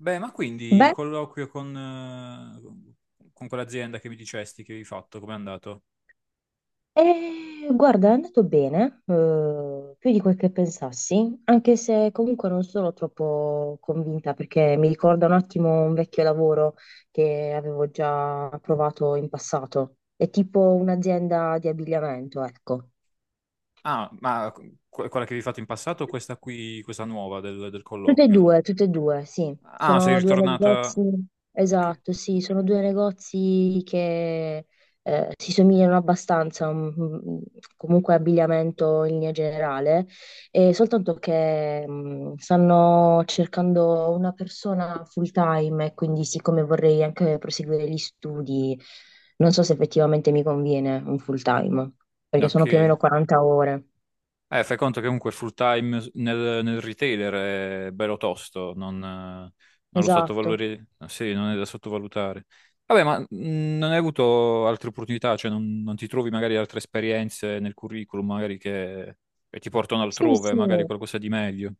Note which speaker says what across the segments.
Speaker 1: Beh, ma quindi il
Speaker 2: Beh,
Speaker 1: colloquio con quell'azienda che mi dicesti che avevi fatto, com'è andato?
Speaker 2: guarda, è andato bene, più di quel che pensassi, anche se comunque non sono troppo convinta perché mi ricorda un attimo un vecchio lavoro che avevo già provato in passato. È tipo un'azienda di abbigliamento, ecco.
Speaker 1: Ah, ma que- Quella che avevi fatto in passato o questa qui, questa nuova del colloquio?
Speaker 2: Tutte e due, sì.
Speaker 1: Ah, sei
Speaker 2: Sono due negozi,
Speaker 1: ritornata. Ok.
Speaker 2: esatto, sì, sono due negozi che si somigliano abbastanza, mm, mm, comunque abbigliamento in linea generale, e soltanto che stanno cercando una persona full time e quindi siccome vorrei anche proseguire gli studi, non so se effettivamente mi conviene un full time, perché sono più o
Speaker 1: Ok.
Speaker 2: meno 40 ore.
Speaker 1: Fai conto che comunque full time nel retailer è bello tosto, non lo
Speaker 2: Esatto.
Speaker 1: sottovalutare, sì, non è da sottovalutare. Vabbè, ma non hai avuto altre opportunità, cioè non ti trovi magari altre esperienze nel curriculum, magari che ti portano
Speaker 2: Sì,
Speaker 1: altrove,
Speaker 2: sì.
Speaker 1: magari qualcosa di meglio.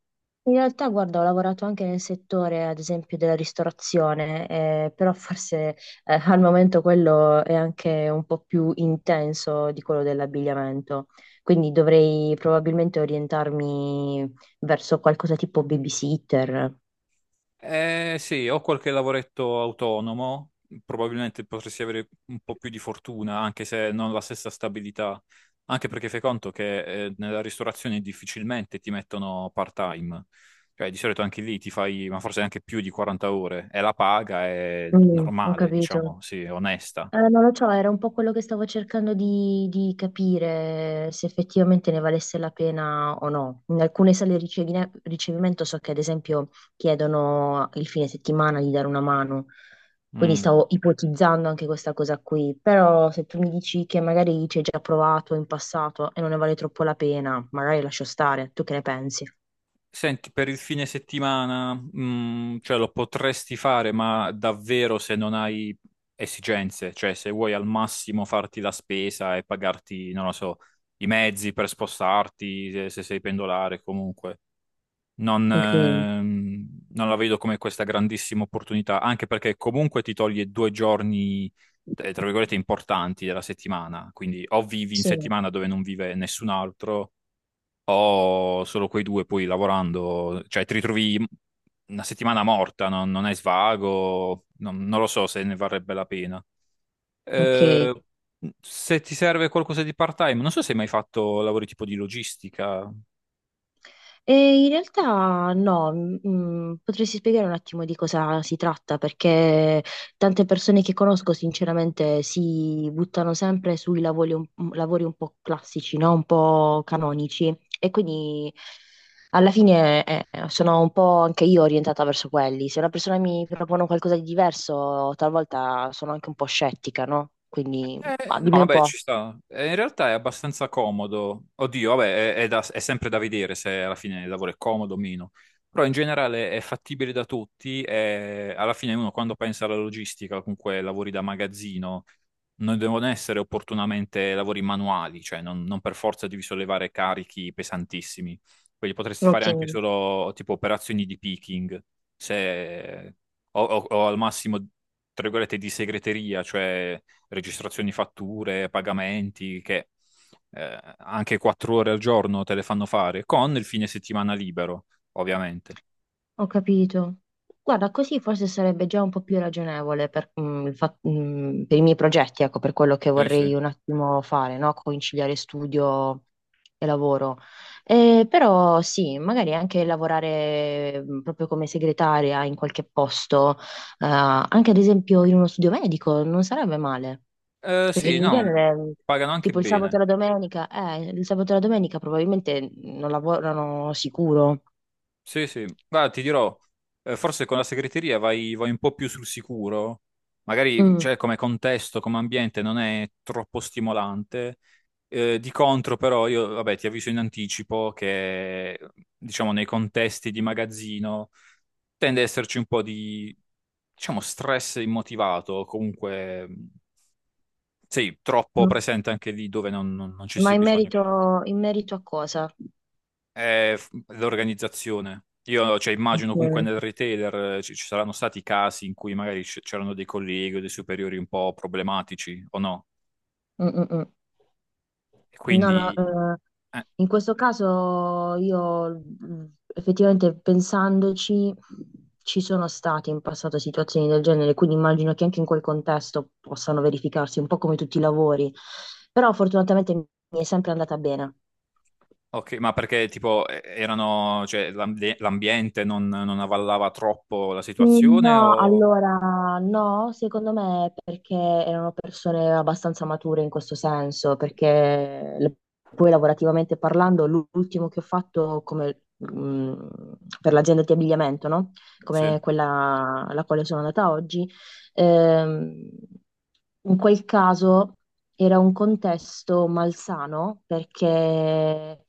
Speaker 2: In realtà, guarda, ho lavorato anche nel settore, ad esempio, della ristorazione, però forse al momento quello è anche un po' più intenso di quello dell'abbigliamento, quindi dovrei probabilmente orientarmi verso qualcosa tipo babysitter.
Speaker 1: Sì, ho qualche lavoretto autonomo, probabilmente potresti avere un po' più di fortuna, anche se non la stessa stabilità, anche perché fai conto che nella ristorazione difficilmente ti mettono part-time, cioè di solito anche lì ti fai, ma forse anche più di 40 ore, e la paga è
Speaker 2: Mm, ho
Speaker 1: normale,
Speaker 2: capito.
Speaker 1: diciamo, sì, onesta.
Speaker 2: Non lo so, era un po' quello che stavo cercando di capire se effettivamente ne valesse la pena o no. In alcune sale di ricevimento so che ad esempio chiedono il fine settimana di dare una mano, quindi
Speaker 1: Mm.
Speaker 2: stavo ipotizzando anche questa cosa qui, però se tu mi dici che magari ci hai già provato in passato e non ne vale troppo la pena, magari lascio stare, tu che ne pensi?
Speaker 1: Senti, per il fine settimana, mm, cioè lo potresti fare, ma davvero se non hai esigenze, cioè se vuoi al massimo farti la spesa e pagarti, non lo so, i mezzi per spostarti, se sei pendolare, comunque.
Speaker 2: Ok,
Speaker 1: Non la vedo come questa grandissima opportunità, anche perché comunque ti toglie due giorni, tra virgolette, importanti della settimana. Quindi o vivi in
Speaker 2: sì,
Speaker 1: settimana dove non vive nessun altro ho solo quei due, poi lavorando, cioè ti ritrovi una settimana morta, non hai svago, non lo so se ne varrebbe la pena.
Speaker 2: ok.
Speaker 1: Eh, se ti serve qualcosa di part-time, non so se hai mai fatto lavori tipo di logistica.
Speaker 2: E in realtà no, mm, potresti spiegare un attimo di cosa si tratta, perché tante persone che conosco sinceramente si buttano sempre sui lavori un po' classici, no? Un po' canonici e quindi alla fine sono un po' anche io orientata verso quelli. Se una persona mi propone qualcosa di diverso, talvolta sono anche un po' scettica, no? Quindi ah,
Speaker 1: No,
Speaker 2: dimmi un
Speaker 1: vabbè,
Speaker 2: po'.
Speaker 1: ci sta. In realtà è abbastanza comodo. Oddio, vabbè, è è sempre da vedere se alla fine il lavoro è comodo o meno. Però in generale è fattibile da tutti e alla fine uno quando pensa alla logistica, comunque lavori da magazzino, non devono essere opportunamente lavori manuali, cioè non per forza devi sollevare carichi pesantissimi. Quelli potresti fare
Speaker 2: Ok.
Speaker 1: anche solo tipo operazioni di picking, se- o al massimo, tra virgolette, di segreteria, cioè registrazioni fatture, pagamenti, che anche 4 ore al giorno te le fanno fare, con il fine settimana libero, ovviamente.
Speaker 2: Ho capito. Guarda, così forse sarebbe già un po' più ragionevole per, mm, per i miei progetti, ecco, per quello che
Speaker 1: Sì,
Speaker 2: vorrei
Speaker 1: sì.
Speaker 2: un attimo fare, no? Conciliare studio e lavoro. Però sì, magari anche lavorare mm, proprio come segretaria in qualche posto, anche ad esempio in uno studio medico, non sarebbe male, perché
Speaker 1: Sì,
Speaker 2: in
Speaker 1: no,
Speaker 2: genere... mm,
Speaker 1: pagano anche
Speaker 2: tipo il sabato e
Speaker 1: bene.
Speaker 2: la domenica, il sabato e la domenica probabilmente non lavorano sicuro.
Speaker 1: Sì, sì. Guarda, ti dirò, forse con la segreteria vai, vai un po' più sul sicuro. Magari,
Speaker 2: Mm.
Speaker 1: cioè, come contesto, come ambiente non è troppo stimolante. Di contro, però, io, vabbè, ti avviso in anticipo che, diciamo, nei contesti di magazzino tende ad esserci un po' di, diciamo, stress immotivato, comunque, sì, troppo presente anche lì dove non ci
Speaker 2: Ma
Speaker 1: sia bisogno.
Speaker 2: in merito a cosa?
Speaker 1: È l'organizzazione. Io, cioè,
Speaker 2: Ok.
Speaker 1: immagino comunque
Speaker 2: Mm,
Speaker 1: nel retailer ci saranno stati casi in cui magari c'erano dei colleghi o dei superiori un po' problematici, o no?
Speaker 2: mm, mm.
Speaker 1: E
Speaker 2: No, no,
Speaker 1: quindi... eh,
Speaker 2: in questo caso io mm, effettivamente pensandoci ci sono state in passato situazioni del genere, quindi immagino che anche in quel contesto possano verificarsi un po' come tutti i lavori, però fortunatamente mi è sempre andata bene.
Speaker 1: ok, ma perché tipo erano, cioè, l'ambiente non avvallava troppo la
Speaker 2: Mm,
Speaker 1: situazione
Speaker 2: no,
Speaker 1: o...
Speaker 2: allora no, secondo me è perché erano persone abbastanza mature in questo senso, poi lavorativamente parlando, l'ultimo che ho fatto come, mm, per l'azienda di abbigliamento, no?
Speaker 1: Sì,
Speaker 2: Come quella alla quale sono andata oggi, ehm, in quel caso era un contesto malsano perché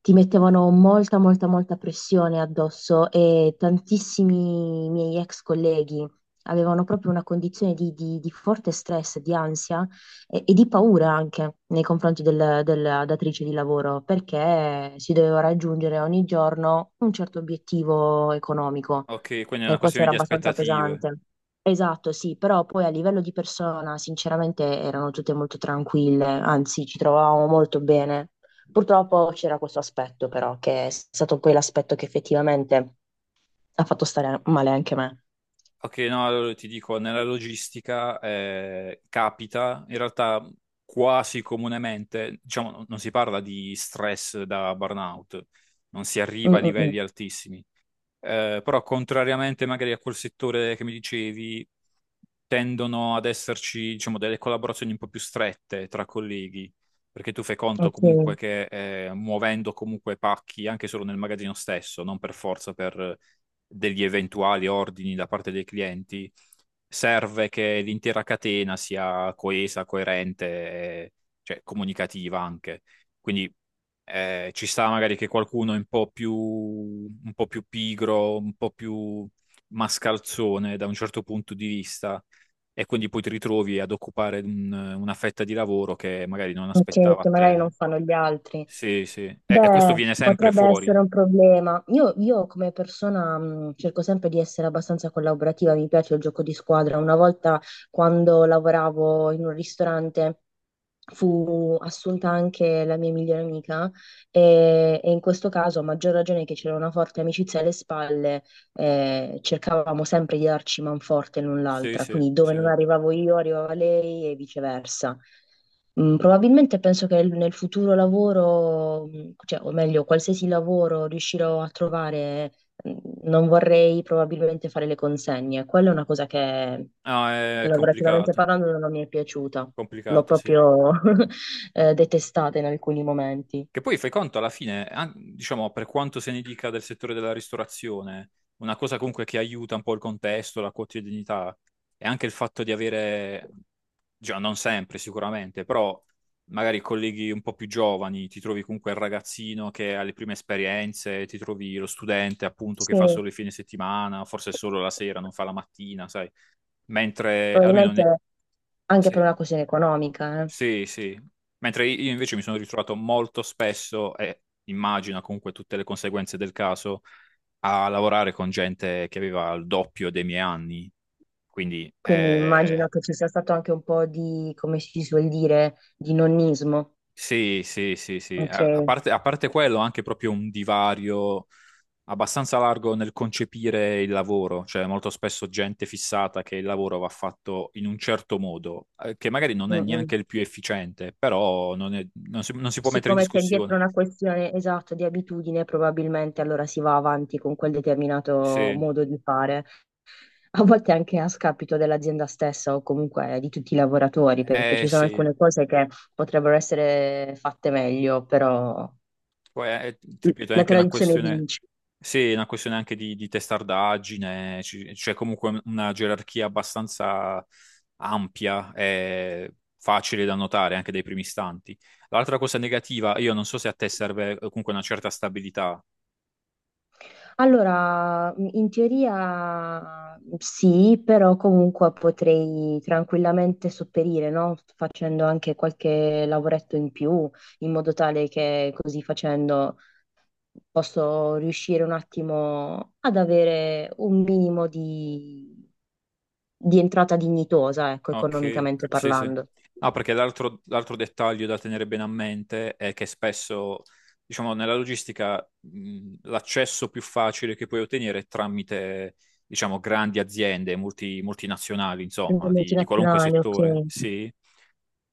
Speaker 2: ti mettevano molta, molta, molta pressione addosso e tantissimi miei ex colleghi avevano proprio una condizione di forte stress, di ansia e di paura anche nei confronti della datrice di lavoro, perché si doveva raggiungere ogni giorno un certo obiettivo economico.
Speaker 1: ok, quindi è
Speaker 2: E
Speaker 1: una
Speaker 2: questo
Speaker 1: questione
Speaker 2: era
Speaker 1: di
Speaker 2: abbastanza
Speaker 1: aspettative.
Speaker 2: pesante. Esatto, sì, però poi a livello di persona, sinceramente, erano tutte molto tranquille, anzi, ci trovavamo molto bene. Purtroppo c'era questo aspetto, però, che è stato poi l'aspetto che effettivamente ha fatto stare male anche me.
Speaker 1: Ok, no, allora ti dico, nella logistica capita in realtà quasi comunemente, diciamo, non si parla di stress da burnout, non si
Speaker 2: Mm,
Speaker 1: arriva a
Speaker 2: mm, mm.
Speaker 1: livelli altissimi, però contrariamente magari a quel settore che mi dicevi, tendono ad esserci, diciamo, delle collaborazioni un po' più strette tra colleghi, perché tu fai conto
Speaker 2: Ok.
Speaker 1: comunque che muovendo comunque pacchi anche solo nel magazzino stesso, non per forza per degli eventuali ordini da parte dei clienti, serve che l'intera catena sia coesa, coerente, e, cioè comunicativa anche. Quindi ci sta magari che qualcuno è un po' più pigro, un po' più mascalzone da un certo punto di vista, e quindi poi ti ritrovi ad occupare una fetta di lavoro che magari non
Speaker 2: Ok,
Speaker 1: aspettava
Speaker 2: che
Speaker 1: a
Speaker 2: magari non
Speaker 1: te.
Speaker 2: fanno gli altri.
Speaker 1: Sì, sì. E questo
Speaker 2: Beh,
Speaker 1: viene sempre
Speaker 2: potrebbe
Speaker 1: fuori.
Speaker 2: essere un problema. Io come persona cerco sempre di essere abbastanza collaborativa, mi piace il gioco di squadra. Una volta quando lavoravo in un ristorante fu assunta anche la mia migliore amica e in questo caso, a maggior ragione che c'era una forte amicizia alle spalle, cercavamo sempre di darci manforte l'un
Speaker 1: Sì,
Speaker 2: l'altra,
Speaker 1: sì,
Speaker 2: quindi dove
Speaker 1: sì.
Speaker 2: non arrivavo io arrivava lei e viceversa. Mm, probabilmente penso che nel futuro lavoro, mm, cioè, o meglio, qualsiasi lavoro riuscirò a trovare, mm, non vorrei probabilmente fare le consegne. Quella è una cosa che
Speaker 1: No, è
Speaker 2: lavorativamente
Speaker 1: complicato,
Speaker 2: parlando non mi è piaciuta, l'ho
Speaker 1: complicato, sì.
Speaker 2: proprio detestata in alcuni momenti.
Speaker 1: Che poi fai conto alla fine, diciamo, per quanto se ne dica del settore della ristorazione, una cosa comunque che aiuta un po' il contesto, la quotidianità, e anche il fatto di avere, già non sempre sicuramente, però magari colleghi un po' più giovani, ti trovi comunque il ragazzino che ha le prime esperienze, ti trovi lo studente appunto
Speaker 2: Sì,
Speaker 1: che fa solo il fine settimana, forse solo la sera, non fa la mattina, sai? Mentre almeno
Speaker 2: probabilmente anche
Speaker 1: sì.
Speaker 2: per una questione economica, eh.
Speaker 1: Sì, sì. Mentre io invece mi sono ritrovato molto spesso, e immagino comunque tutte le conseguenze del caso, a lavorare con gente che aveva il doppio dei miei anni. Quindi,
Speaker 2: Quindi immagino che ci sia stato anche un po' di, come si suol dire, di nonnismo.
Speaker 1: sì, sì, sì, sì.
Speaker 2: Ok.
Speaker 1: A parte, a parte quello, anche proprio un divario abbastanza largo nel concepire il lavoro. Cioè, molto spesso gente fissata che il lavoro va fatto in un certo modo, che magari non
Speaker 2: Mm,
Speaker 1: è
Speaker 2: mm.
Speaker 1: neanche il più efficiente, però non si può mettere in
Speaker 2: Siccome c'è dietro
Speaker 1: discussione.
Speaker 2: una questione esatta di abitudine, probabilmente allora si va avanti con quel determinato
Speaker 1: Sì.
Speaker 2: modo di fare. A volte anche a scapito dell'azienda stessa o comunque di tutti i lavoratori, perché
Speaker 1: Eh
Speaker 2: ci sono
Speaker 1: sì,
Speaker 2: alcune cose che potrebbero essere fatte meglio, però
Speaker 1: poi è, ti ripeto, è
Speaker 2: la
Speaker 1: anche una
Speaker 2: tradizione
Speaker 1: questione,
Speaker 2: vince.
Speaker 1: sì, è una questione anche di testardaggine, c'è comunque una gerarchia abbastanza ampia e facile da notare anche dai primi istanti. L'altra cosa negativa, io non so se a te serve comunque una certa stabilità.
Speaker 2: Allora, in teoria sì, però comunque potrei tranquillamente sopperire, no? Facendo anche qualche lavoretto in più, in modo tale che così facendo posso riuscire un attimo ad avere un minimo di entrata dignitosa, ecco,
Speaker 1: Ok,
Speaker 2: economicamente
Speaker 1: sì, sì.
Speaker 2: parlando.
Speaker 1: Ah, perché l'altro dettaglio da tenere bene a mente è che spesso, diciamo, nella logistica, l'accesso più facile che puoi ottenere è tramite, diciamo, grandi aziende, multinazionali,
Speaker 2: Le
Speaker 1: insomma, di qualunque
Speaker 2: multinazionali, ok.
Speaker 1: settore, sì.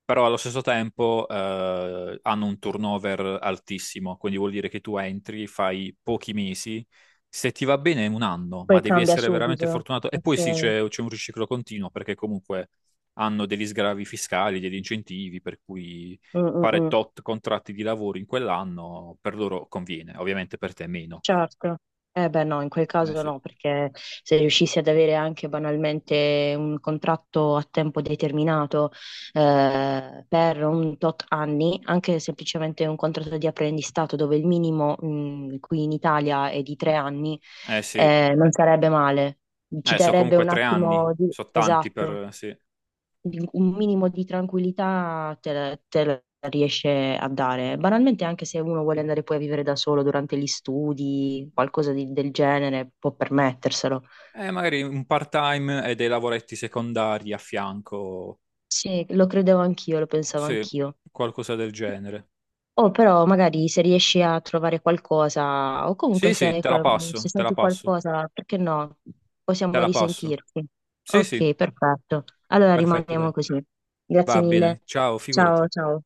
Speaker 1: Però allo stesso tempo hanno un turnover altissimo, quindi vuol dire che tu entri, fai pochi mesi, se ti va bene è un anno, ma
Speaker 2: Poi
Speaker 1: devi
Speaker 2: cambia
Speaker 1: essere veramente
Speaker 2: subito.
Speaker 1: fortunato. E
Speaker 2: Ok.
Speaker 1: poi sì, c'è un riciclo continuo, perché comunque hanno degli sgravi fiscali, degli incentivi, per cui
Speaker 2: Mm, mm,
Speaker 1: fare
Speaker 2: mm.
Speaker 1: tot contratti di lavoro in quell'anno per loro conviene, ovviamente per te meno.
Speaker 2: Certo. Eh beh no, in quel
Speaker 1: Eh
Speaker 2: caso
Speaker 1: sì,
Speaker 2: no, perché se riuscissi ad avere anche banalmente un contratto a tempo determinato per un tot anni, anche semplicemente un contratto di apprendistato dove il minimo mm, qui in Italia è di 3 anni,
Speaker 1: eh sì.
Speaker 2: non sarebbe male. Ci
Speaker 1: So
Speaker 2: darebbe
Speaker 1: comunque
Speaker 2: un
Speaker 1: tre
Speaker 2: attimo
Speaker 1: anni,
Speaker 2: di...
Speaker 1: so tanti
Speaker 2: Esatto,
Speaker 1: per... Sì.
Speaker 2: un minimo di tranquillità te la riesce a dare. Banalmente, anche se uno vuole andare poi a vivere da solo durante gli studi, del genere, può permetterselo.
Speaker 1: Magari un part-time e dei lavoretti secondari a fianco,
Speaker 2: Sì, lo credevo anch'io, lo pensavo
Speaker 1: sì,
Speaker 2: anch'io.
Speaker 1: qualcosa del genere.
Speaker 2: O però magari se riesci a trovare qualcosa, o comunque
Speaker 1: Sì,
Speaker 2: se,
Speaker 1: sì, te la
Speaker 2: se
Speaker 1: passo, te la
Speaker 2: senti
Speaker 1: passo,
Speaker 2: qualcosa, perché no?
Speaker 1: te
Speaker 2: Possiamo
Speaker 1: la passo.
Speaker 2: risentirci.
Speaker 1: Sì, sì,
Speaker 2: Ok, perfetto. Allora
Speaker 1: perfetto,
Speaker 2: rimaniamo
Speaker 1: dai.
Speaker 2: così. Grazie
Speaker 1: Va
Speaker 2: mille.
Speaker 1: bene, ciao,
Speaker 2: Ciao,
Speaker 1: figurati.
Speaker 2: ciao.